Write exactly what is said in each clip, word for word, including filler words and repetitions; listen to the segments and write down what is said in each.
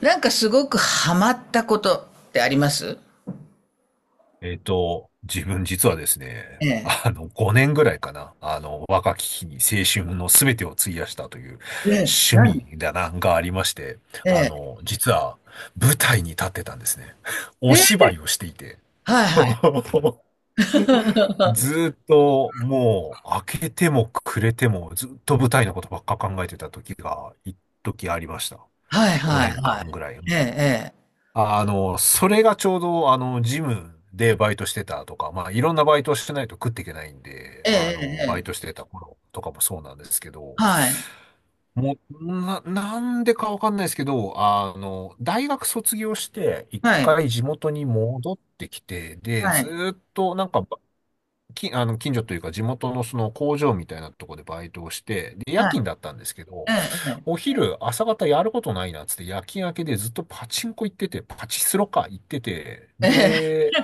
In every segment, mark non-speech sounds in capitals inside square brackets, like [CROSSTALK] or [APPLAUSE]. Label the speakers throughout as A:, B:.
A: なんかすごくハマったことってあります？
B: えっと、自分実はですね、
A: ええ。
B: あの、ごねんぐらいかな、あの、若き日に青春の全てを費やしたという
A: ええ、
B: 趣
A: 何？
B: 味だな、がありまして、
A: え
B: あ
A: え。
B: の、実は舞台に立ってたんですね。[LAUGHS] お
A: ええ、
B: 芝居をしていて。
A: はいはい。
B: [LAUGHS] ずーっともう開けても暮れてもずっと舞台のことばっか考えてた時が、一時ありました。
A: はいはい
B: 5年
A: は
B: 間ぐ
A: い。
B: らい。
A: ええ、
B: あの、それがちょうど、あの、ジムでバイトしてたとか、まあ、いろんなバイトをしてないと食っていけないんで、
A: ええ。え
B: あ
A: え、え
B: の、
A: え、
B: バイ
A: え
B: トし
A: え。
B: てた頃とかもそうなんですけど、
A: はい。
B: もう、な、なんでかわかんないですけど、あの、大学卒業して、一
A: はい。
B: 回地元に戻ってきて、で、
A: は
B: ず
A: い。
B: ーっとなんか、き、あの、近所というか地元のその工場みたいなとこでバイトをして、で、夜
A: はい。
B: 勤だったんですけ
A: え
B: ど、
A: え、ええ。
B: お昼、朝方やることないなっつって夜勤明けでずっとパチンコ行ってて、パチスロか行ってて、
A: え
B: で、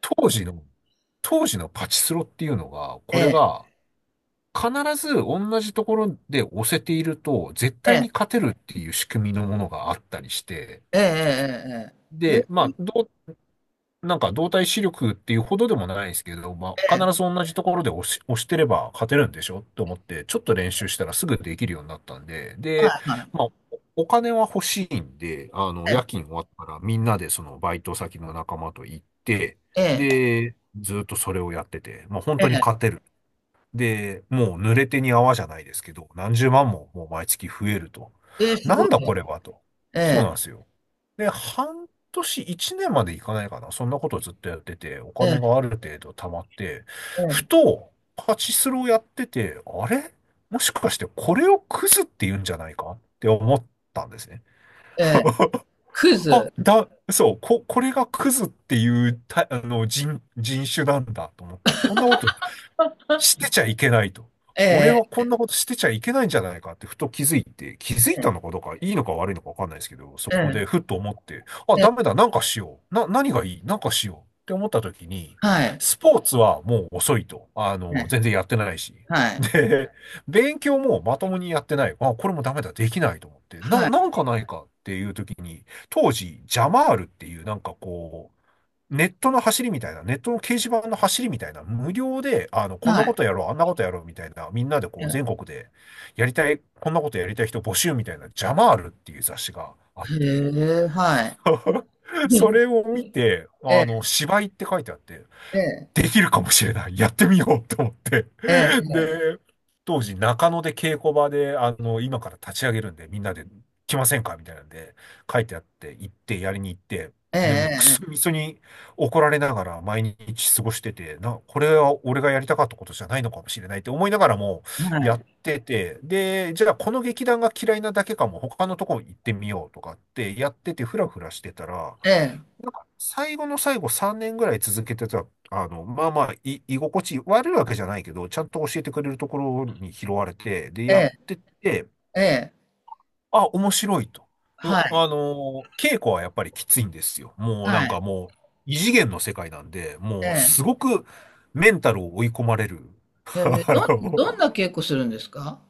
B: 当時の、当時のパチスロっていうのが、これ
A: え、
B: が必ず同じところで押せていると、絶
A: え
B: 対
A: え。
B: に勝てるっていう仕組みのものがあったりして、
A: ええ、ええ、ええ、え
B: で、
A: え。
B: ま
A: え、
B: あ、どうなんか動体視力っていうほどでもないですけど、まあ、必ず同じところで押し、押してれば勝てるんでしょと思って、ちょっと練習したらすぐできるようになったんで、で、
A: はいはい。
B: まあ、おお金は欲しいんで、あの、
A: ええ、
B: 夜勤終わったらみんなでそのバイト先の仲間と行って、
A: ええ、
B: で、ずっとそれをやってて、まあ、本
A: え
B: 当に
A: え。
B: 勝てる。で、もう濡れ手に泡じゃないですけど、何十万ももう毎月増えると。
A: ええ、す
B: な
A: ご
B: ん
A: い
B: だ
A: ね。
B: これはと。
A: え
B: そうなん
A: え、
B: ですよ。で、半年、いちねんまでいかないかな。そんなことをずっとやってて、お
A: ええ、
B: 金がある程度貯まって、ふ
A: え
B: と、パチスロをやってて、あれもしかしてこれをクズって言うんじゃないかって思ったんですね。[LAUGHS]
A: え、ええ。クイ
B: あ、
A: ズ。
B: だ、そう、こ、これがクズっていうた、あの、人、人種なんだと思って、こんなことしてちゃいけないと。俺
A: え
B: は
A: え、
B: こんなことしてちゃいけないんじゃないかってふと気づいて、気づいたのかどうか、いいのか悪いのかわかんないですけど、そ
A: え
B: こで
A: え、
B: ふっと思って、あ、
A: え
B: ダ
A: え、
B: メだ、なんかしよう。な、何がいいなんかしようって思った時に、
A: はい。
B: スポーツはもう遅いと。あの、全然やってないし。
A: はい。
B: で、勉強もまともにやってない。あ、これもダメだ、できないと思って。な、
A: は
B: な
A: い。
B: んかないかっていう時に、当時、ジャマールっていうなんかこう、ネットの走りみたいな、ネットの掲示板の走りみたいな、無料で、あの、こん
A: は
B: な
A: い。
B: こ
A: は
B: と
A: い。
B: やろう、あんなことやろうみたいな、みんなでこ
A: え
B: う、
A: え、
B: 全国で、やりたい、こんなことやりたい人募集みたいな、ジャマールっていう雑誌があっ
A: へ
B: て、
A: え、はい。
B: [LAUGHS]
A: う
B: そ
A: ん。
B: れを見て、
A: え
B: あ
A: え、
B: の、芝居って書いてあって、
A: ええ、
B: できるかもしれない、やってみようと思って、
A: え
B: [LAUGHS]
A: え、
B: で、当時中野で稽古場で、あの、今から立ち上げるんで、みんなで来ませんかみたいなんで、書いてあって、行って、やりに行って、
A: ええ
B: で、もうく
A: え
B: そ
A: え、
B: みそに怒られながら毎日過ごしてて、な、これは俺がやりたかったことじゃないのかもしれないって思いながらも
A: は
B: やっ
A: い。
B: てて、で、じゃあこの劇団が嫌いなだけかも、他のとこ行ってみようとかってやってて、ふらふらしてたら、
A: ええ、
B: なんか最後の最後さんねんぐらい続けてた、あの、まあまあ、い、居心地悪いわけじゃないけど、ちゃんと教えてくれるところに拾われて、で、
A: え
B: やっ
A: え、
B: てて、
A: ええ、
B: あ、面白いと。の、
A: はい、
B: あの、稽古はやっぱりきついんですよ。もう
A: は
B: なんか
A: い、
B: もう、異次元の世界なんで、
A: え
B: もうす
A: え。
B: ごくメンタルを追い込まれる。
A: へえ、
B: [LAUGHS] あ
A: どん
B: の
A: どんな稽古するんですか？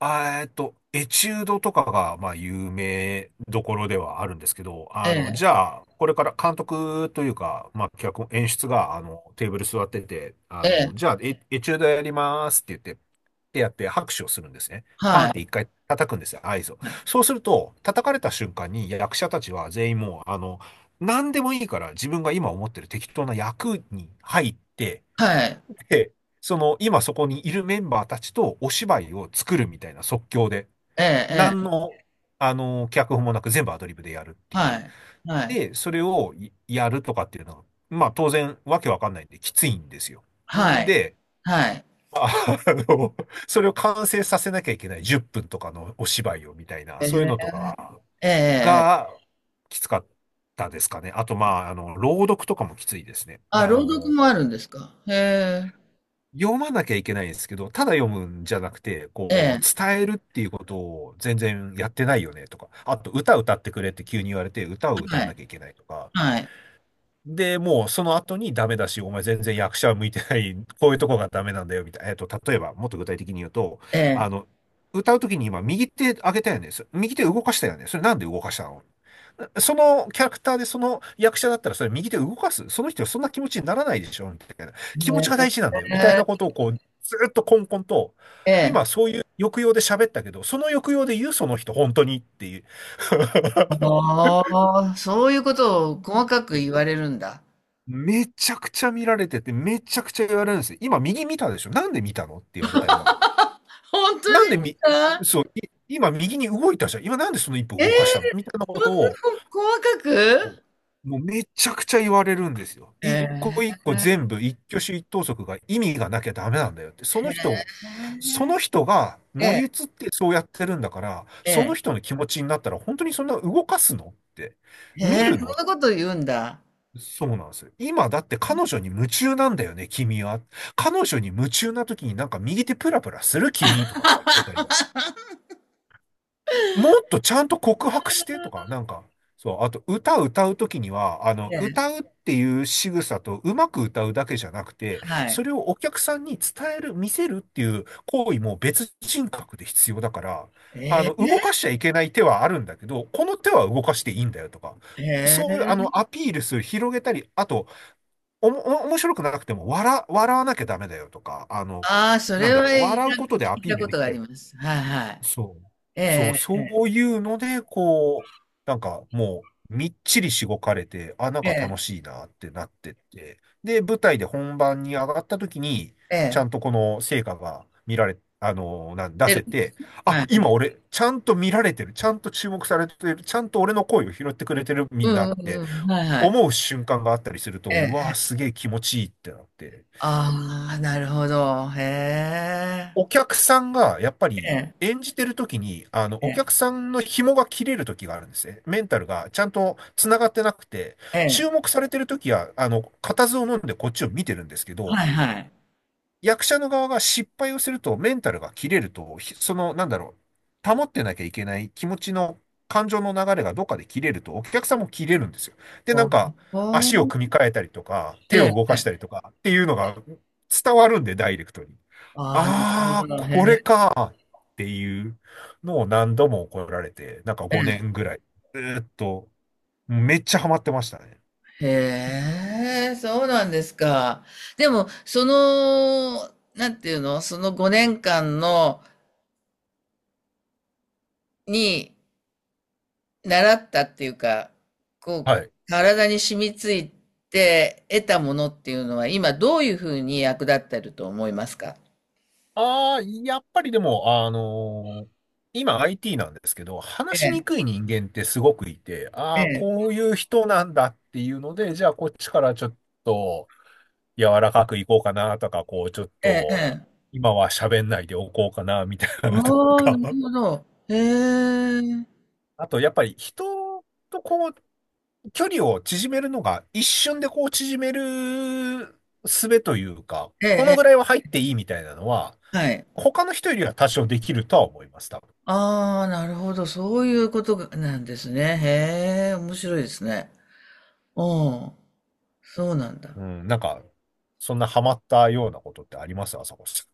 B: あえっと、エチュードとかが、まあ、有名どころではあるんですけど、
A: え
B: あの、
A: え、
B: じゃあ、これから監督というか、まあ、脚本、演出が、あの、テーブル座ってて、あ
A: え
B: の、
A: え、
B: じゃあ、エ、エチュードやりますって言って、ってやって拍手をするんですね。パン
A: は
B: っ
A: い、
B: て一回叩くんですよ、合図を。そうすると、叩かれた瞬間に役者たちは全員もう、あの、何でもいいから自分が今思ってる適当な役に入って、
A: はい、
B: で、その、今そこにいるメンバーたちとお芝居を作るみたいな即興で、
A: ええ、え
B: 何
A: え、
B: の、あの、脚本もなく全部アドリブでやるってい
A: は
B: う。
A: い、はい、
B: で、それをいやるとかっていうのは、まあ当然わけわかんないんできついんですよ。
A: はい、
B: で、
A: はい。
B: あ [LAUGHS] あの、それを完成させなきゃいけないじゅっぷんとかのお芝居をみたいな、
A: え
B: そういう
A: え、
B: のとか
A: ええええええ
B: がきつかったですかね。あと、まあ、あの、朗読とかもきついですね。
A: あ、
B: あ
A: 朗読
B: の、
A: もあるんですか？へえ。
B: 読まなきゃいけないんですけど、ただ読むんじゃなくて、
A: え
B: こう、
A: え、
B: 伝えるっていうことを全然やってないよねとか、あと歌歌ってくれって急に言われて、歌を歌わ
A: は
B: な
A: い、
B: きゃいけないとか、
A: はい、
B: で、もうその後にダメだし、お前全然役者向いてない、こういうとこがダメなんだよ、みたいな。えっと、例えば、もっと具体的に言うと、
A: え
B: あ
A: え、
B: の、歌うときに今、右手上げたよね。そ右手動かしたよね。それなんで動かしたの。そのキャラクターでその役者だったらそれ右手動かす。その人はそんな気持ちにならないでしょみたいな。気持ちが大事なんだよ。みたい
A: え
B: な
A: え、
B: ことをこう、ずっとコンコンと、
A: え。
B: 今そういう抑揚で喋ったけど、その抑揚で言うその人、本当にっていう。
A: ああ、そういうことを細かく言わ
B: [LAUGHS]
A: れるんだ。
B: めちゃくちゃ見られてて、めちゃくちゃ言われるんですよ。今右見たでしょなんで見たのって言われたり、
A: 本当
B: な
A: で
B: ん
A: す
B: でみ、
A: か？
B: そう、い今右に動いたじゃん。今なんでそのいっぽ
A: ええ、
B: 動かしたのみたいな
A: そ
B: こと
A: んな
B: を、
A: 細かく？
B: もうめちゃくちゃ言われるんですよ。
A: え
B: 一個
A: え、
B: 一個全部一挙手一投足が意味がなきゃダメなんだよって。その人、その人が
A: え
B: 乗り移っ
A: え、
B: てそうやってるんだから、
A: え
B: その
A: え、
B: 人の気持ちになったら本当にそんな動かすのって、
A: え
B: 見
A: え、
B: る
A: そん
B: の
A: なこと言うんだ。
B: そうなんですよ。今だって彼女に夢中なんだよね、君は。彼女に夢中な時になんか右手プラプラする君とかって言われたり、もっとちゃんと告白してとか、なんか、そう、あと歌歌う時には、あの、
A: ええ、
B: 歌うっていう仕草とうまく歌うだけじゃなくて、
A: は
B: そ
A: い。
B: れをお客さんに伝える、見せるっていう行為も別人格で必要だから、あ
A: え
B: の、動か
A: え、
B: しちゃいけない手はあるんだけど、この手は動かしていいんだよとか、
A: え
B: そういう、あ
A: え、
B: の、アピールする、広げたり、あと、おも、お面白くなくても、笑、笑わなきゃダメだよとか、あの、
A: ああ、そ
B: な
A: れ
B: んだ
A: は、
B: ろう、
A: い
B: 笑
A: な
B: う
A: ん
B: こ
A: か
B: とで
A: 聞
B: ア
A: い
B: ピ
A: た
B: ール
A: こ
B: で
A: と
B: き
A: があ
B: た
A: り
B: り。
A: ます。はいはい。
B: そう。
A: え
B: そう、
A: え、
B: そういうので、こう、なんかもう、みっちりしごかれて、あ、なん
A: え
B: か楽
A: え、
B: しいなってなってって、で、舞台で本番に上がった時に、
A: え
B: ちゃ
A: え、
B: んとこの成果が見られ、あの、なん、出
A: 出
B: せ
A: る。
B: て、あ、
A: はい。
B: 今俺、ちゃんと見られてる、ちゃんと注目されてる、ちゃんと俺の声を拾ってくれてるみ
A: う
B: んなっ
A: んう
B: て、
A: んうん、はいはい。
B: 思う瞬間があったりすると、
A: え
B: う
A: え。
B: わーすげえ気持ちいいってなって。
A: ああ、なるほど。へえ。
B: お客さんが、やっぱ
A: え
B: り、
A: え、
B: 演じてる時に、あの、
A: え
B: お
A: え、
B: 客さんの紐が切れる時があるんですね。メンタルがちゃんと繋がってなくて、
A: え
B: 注
A: え、
B: 目されてる時は、あの、固唾を飲んでこっちを見てるんですけど、
A: はいはい。
B: 役者の側が失敗をすると、メンタルが切れると、ひその、なんだろう、保ってなきゃいけない気持ちの、感情の流れがどっかで切れると、お客さんも切れるんですよ。で、な
A: あ、
B: んか、
A: ほ
B: 足を
A: お。
B: 組み替えたりとか、
A: え
B: 手を
A: え、
B: 動
A: え
B: かし
A: え。
B: たりとかっていうのが伝わるんで、ダイレクトに。
A: ああ、なるほ
B: ああ、
A: ど、
B: これ
A: へ
B: かっていうのを何度も怒られて、なんか
A: え。
B: 5
A: え。
B: 年ぐらい、ずーっと、めっちゃハマってましたね。
A: へえ、そうなんですか？でも、その、なんていうの、そのごねんかんの、に習ったっていうか、こう、
B: はい。
A: 体に染みついて得たものっていうのは、今どういうふうに役立ってると思いますか？
B: ああ、やっぱりでも、あのー今 アイティー なんですけど、
A: え
B: 話しに
A: え、
B: くい人間ってすごくいて、ああ、
A: え
B: こういう人なんだっていうので、じゃあこっちからちょっと柔らかくいこうかなとか、こうちょっ
A: え、ええ、え
B: と
A: え。
B: 今は喋んないでおこうかなみたいなのと
A: ああ、な
B: か。
A: る
B: [LAUGHS]
A: ほど。へえ、
B: あとやっぱり人とこう距離を縮めるのが一瞬でこう縮める術というか、
A: ええ、
B: この
A: え
B: ぐらいは入っていいみたいなのは、
A: え、はい。
B: 他の人よりは多少できるとは思います、多分。
A: ああ、なるほど。そういうことがなんですね。へえ、面白いですね。うん。そうなんだ。
B: うん、なんか、そんなハマったようなことってあります朝子さ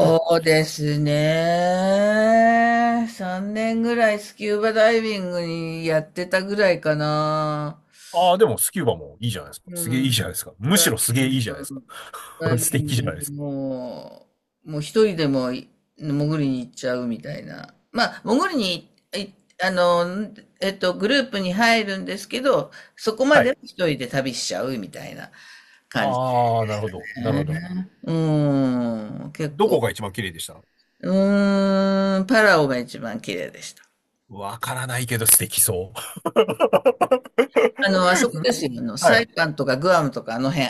B: ん。うん。
A: うですね。さんねんぐらいスキューバダイビングにやってたぐらいかな。
B: ああ、でもスキューバもいいじゃないですか。
A: う
B: すげえいい
A: ん。
B: じゃないですか。む
A: ダ
B: し
A: イ
B: ろす
A: ビ
B: げえ
A: ング、
B: いいじゃないですか。
A: ダ
B: [LAUGHS]
A: イ
B: 素
A: ビン
B: 敵
A: グ
B: じゃないで
A: に
B: すか。
A: もう、もう一人でもい潜りに行っちゃうみたいな。まあ、潜りに、いあの、えっと、グループに入るんですけど、そこま
B: は
A: で
B: い。
A: は一人で旅しちゃうみたいな感じ
B: ああ、なるほど。なるほ
A: ね。
B: ど。
A: うん。結
B: どこ
A: 構。
B: が一番綺麗でした？
A: うーん、パラオが一番綺麗でした。
B: わからないけど素敵そう。[LAUGHS]
A: あの、あそこですよ。あの、
B: は
A: サイ
B: い。
A: パンとかグアムとかあの辺。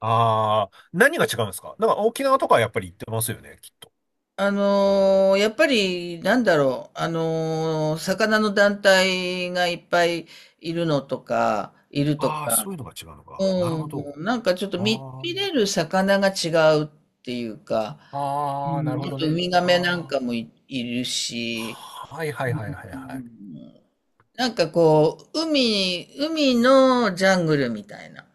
B: ああ、何が違うんですか？なんか沖縄とかはやっぱり行ってますよね、きっと。
A: あのーやっぱり、なんだろう、あのー魚の団体がいっぱいいるのとか、いると
B: ああ、
A: か、
B: そういうのが違うのか。なる
A: う
B: ほ
A: ん、
B: ど。
A: なんかちょっと見、
B: あ
A: 見れる魚が違うっていうか、
B: あ、
A: う
B: ああ、なる
A: ん、
B: ほ
A: あ
B: ど
A: とウ
B: ね。
A: ミガメなん
B: あ
A: かもい、いる
B: あ、
A: し、
B: はいはいはいはい
A: う
B: はい。
A: ん、なんかこう、海、海のジャングルみたいな。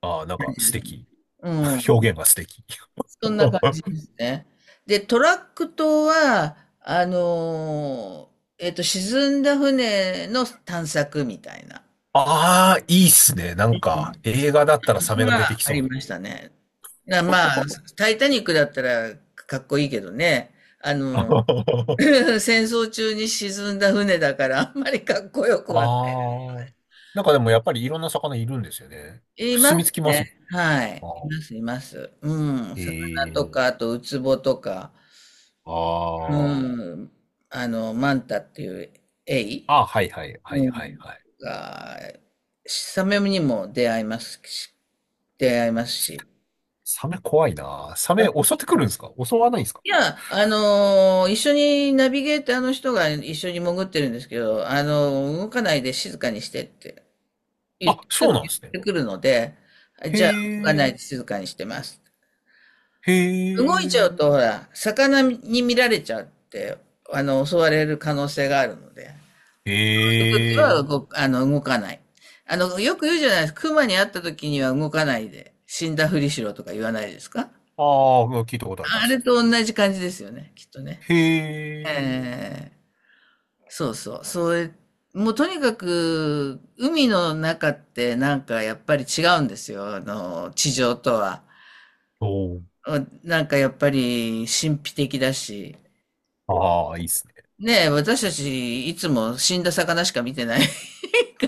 B: ああ、なんか素敵。
A: う
B: [LAUGHS]
A: ん。
B: 表現が素敵。
A: そんな感じ
B: [LAUGHS]
A: ですね。で、トラック島は、あのーえっと、沈んだ船の探索みたいな、
B: ああ、いいっすね。なんか、映画だったらサ
A: そん
B: メ
A: な
B: が
A: の
B: 出て
A: が
B: き
A: あ
B: そう
A: り
B: な。
A: ましたね。な、まあ、タイタニックだったらかっこいいけどね、あの、
B: [LAUGHS]
A: [LAUGHS] 戦争中に沈んだ船だから、あんまりかっこよくはな
B: ああ。なんかでもやっぱりいろんな魚いるんですよね。
A: い。いま
B: 住み
A: す
B: 着きます
A: ね。
B: も
A: はい。
B: ん。
A: いま
B: あ
A: す、います。うん。
B: ーへ
A: 魚と
B: え。
A: か、あと、ウツボとか、
B: あ
A: うん。あの、マンタっていうエ
B: あ。
A: イ。
B: ああ、はいはいは
A: う
B: いはい
A: ん。
B: はい。
A: が、サメにも出会いますし、出会いますし。
B: サメ怖いな。サメ襲ってくるんですか？襲わないんですか？
A: いや、あのー一緒にナビゲーターの人が一緒に潜ってるんですけど、あのー動かないで静かにしてって言
B: あ、
A: って、す
B: そう
A: ぐ
B: なん
A: 言
B: です
A: っ
B: ね。
A: てくるので、
B: へ
A: じゃあ動かないで
B: え。
A: 静かにしてます。
B: へ
A: 動いちゃ
B: え。
A: うと、ほら、魚に見られちゃって、あの、襲われる可能性があるので。
B: へ
A: は動
B: え。
A: く、あの、動かない。あの、よく言うじゃないですか。熊に会った時には動かないで、死んだふりしろとか言わないですか？
B: ああ、聞いたことありま
A: あれ
B: す。
A: と同じ感じですよね、きっとね。
B: へえ。
A: ええ。そうそう。それ、もうとにかく、海の中ってなんかやっぱり違うんですよ。あの、地上とは。
B: おー。
A: うん。なんかやっぱり神秘的だし。
B: ああ、いいっすね。
A: ねえ、私たちいつも死んだ魚しか見てない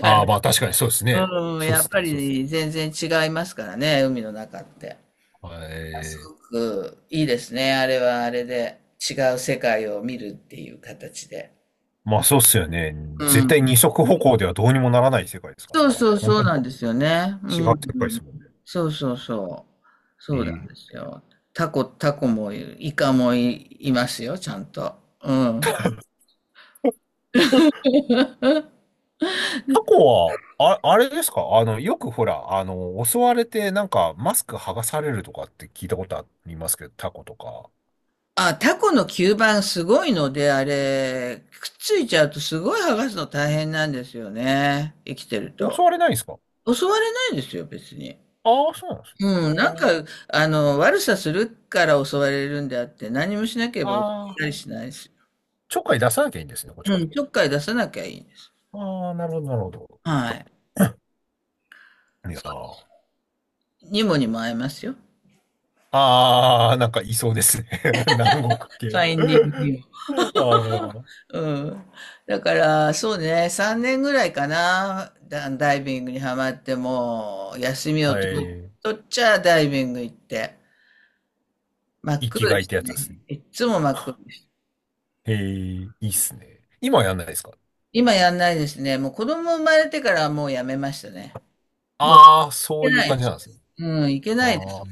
A: から。
B: あ、まあ確かにそうですね。
A: うん、
B: そう
A: や
B: で
A: っ
B: す
A: ぱ
B: ね、そうですね。
A: り全然違いますからね、海の中って。
B: は
A: あすご
B: い。
A: くいいですね、あれはあれで。違う世界を見るっていう形で。
B: まあそうっすよね。
A: う
B: 絶
A: ん。
B: 対二足歩行ではどうにもならない世界ですか
A: そ
B: ら
A: う
B: ね。
A: そう
B: 本
A: そ
B: 当
A: う
B: に
A: なんですよね。
B: 違う
A: う
B: 世
A: ん。
B: 界ですもんね。
A: そうそうそう。そうなん
B: え
A: で
B: え。
A: すよ。タコ、タコもいる、イカもい、いますよ、ちゃんと。うん。
B: タコは、あ、あれですか？あの、よくほら、あの、襲われてなんかマスク剥がされるとかって聞いたことありますけど、タコとか。
A: あ、タコの吸盤すごいので、あれ、くっついちゃうとすごい剥がすの大変なんですよね。生きてると。
B: 襲われないんですか？
A: 襲われないですよ、別に。
B: ああ、そうなんですね。
A: うん、なんか、
B: と、
A: あの、悪さするから襲われるんであって、何もしなければ襲われ
B: あ
A: たり
B: あ、
A: しないし。
B: ちょっかい出さなきゃいいんですね、こっち
A: う
B: から。
A: ん、ちょっかい出さなきゃいいんです。
B: ああ、なるほど、なるほど。
A: はい。
B: いやー。
A: にもにも会えますよ。
B: ああ、なんかいそうですね。[LAUGHS] 南国
A: フ
B: 系。
A: ァインディングにも。
B: ああ、は
A: うん。だから、そうね、さんねんぐらいかな、ダ、ダイビングにはまって、もう、休みを取、
B: い。
A: 取っちゃダイビング行って、真っ
B: 生き
A: 黒で
B: がいっ
A: し
B: てや
A: た
B: つですね。
A: ね。いっつも真っ黒です。
B: へえ、いいっすね。今はやんないですか？
A: 今やんないですね。もう子供生まれてからはもうやめましたね。
B: ああー、そ
A: け
B: ういう
A: ないで
B: 感じ
A: す。
B: なんですね。
A: うん、いけないです、
B: あ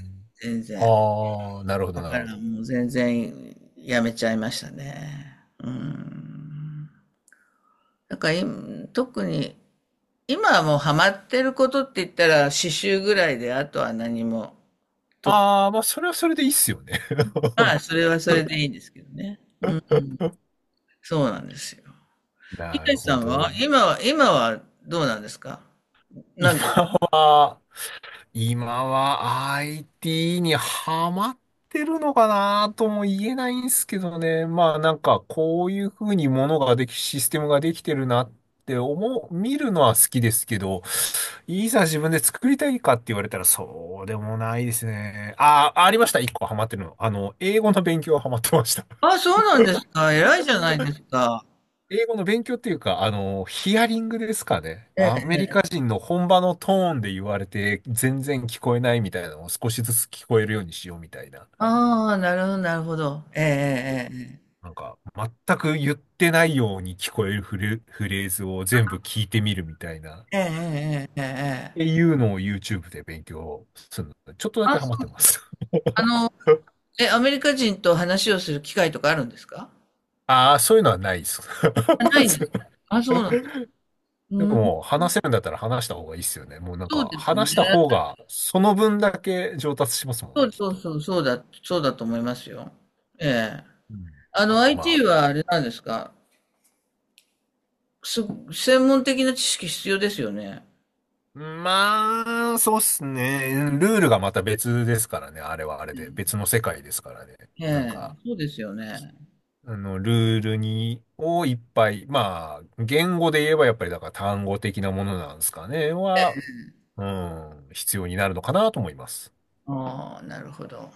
A: 全
B: あ、
A: 然。
B: ああ、なるほど、
A: だ
B: な
A: か
B: るほ
A: ら
B: ど。
A: もう全然やめちゃいましたね。うん。だから今、特に、今はもうハマってることって言ったら刺繍ぐらいで、あとは何も、と、
B: ああ、まあ、それはそれでいいっすよね。
A: まあ、それはそれで
B: [LAUGHS]
A: いいんですけどね。そうなんですよ。い
B: な
A: かし
B: る
A: さ
B: ほ
A: ん
B: ど。
A: は今は、今はどうなんですか？なんか、
B: 今今は アイティー にハマってるのかなとも言えないんですけどね。まあなんかこういうふうにものができ、システムができてるなって思う、見るのは好きですけど、いざ自分で作りたいかって言われたらそうでもないですね。ああ、ありました。一個ハマってるの。あの、英語の勉強はハマってました。
A: あ、そうなんですか？偉いじゃないですか。
B: 英語の勉強っていうか、あの、ヒアリングですかね。アメリカ人の本場のトーンで言われて、全然聞こえないみたいなのを少しずつ聞こえるようにしようみたいな。
A: ああ、なるほど、なるほど。ええ
B: なんか、全く言ってないように聞こえるフレ、フレーズを全部聞いてみるみたいな。っ
A: えええええええええええ
B: て
A: え。
B: いうのを YouTube で勉強するの。ちょっとだけハマってます。
A: あの、え、アメリカ人と話をする機会とかあるんですか？
B: ああ、そういうのはないです。
A: あないんです。あ、そうなんです。
B: [LAUGHS] で
A: うん、
B: も、話せるんだったら話した方がいいっすよね。もうなん
A: そう
B: か、
A: ですね。
B: 話した方が、その分だけ上達しますもん
A: そ
B: ね、
A: う
B: きっ
A: そう
B: と。
A: そう、そうだ、そうだと思いますよ。ええ。
B: うん
A: あの、
B: か、ま
A: アイティー はあれなんですか？す、専門的な知識必要ですよね。
B: あ、まあ、そうっすね。ルールがまた別ですからね。あれはあれで。別の世界ですからね。
A: え
B: なん
A: え、
B: か、
A: そうですよね。
B: あの、ルールに、をいっぱい、まあ、言語で言えばやっぱりだから単語的なものなんですかね。は、うん、必要になるのかなと思います。
A: ああ、なるほど。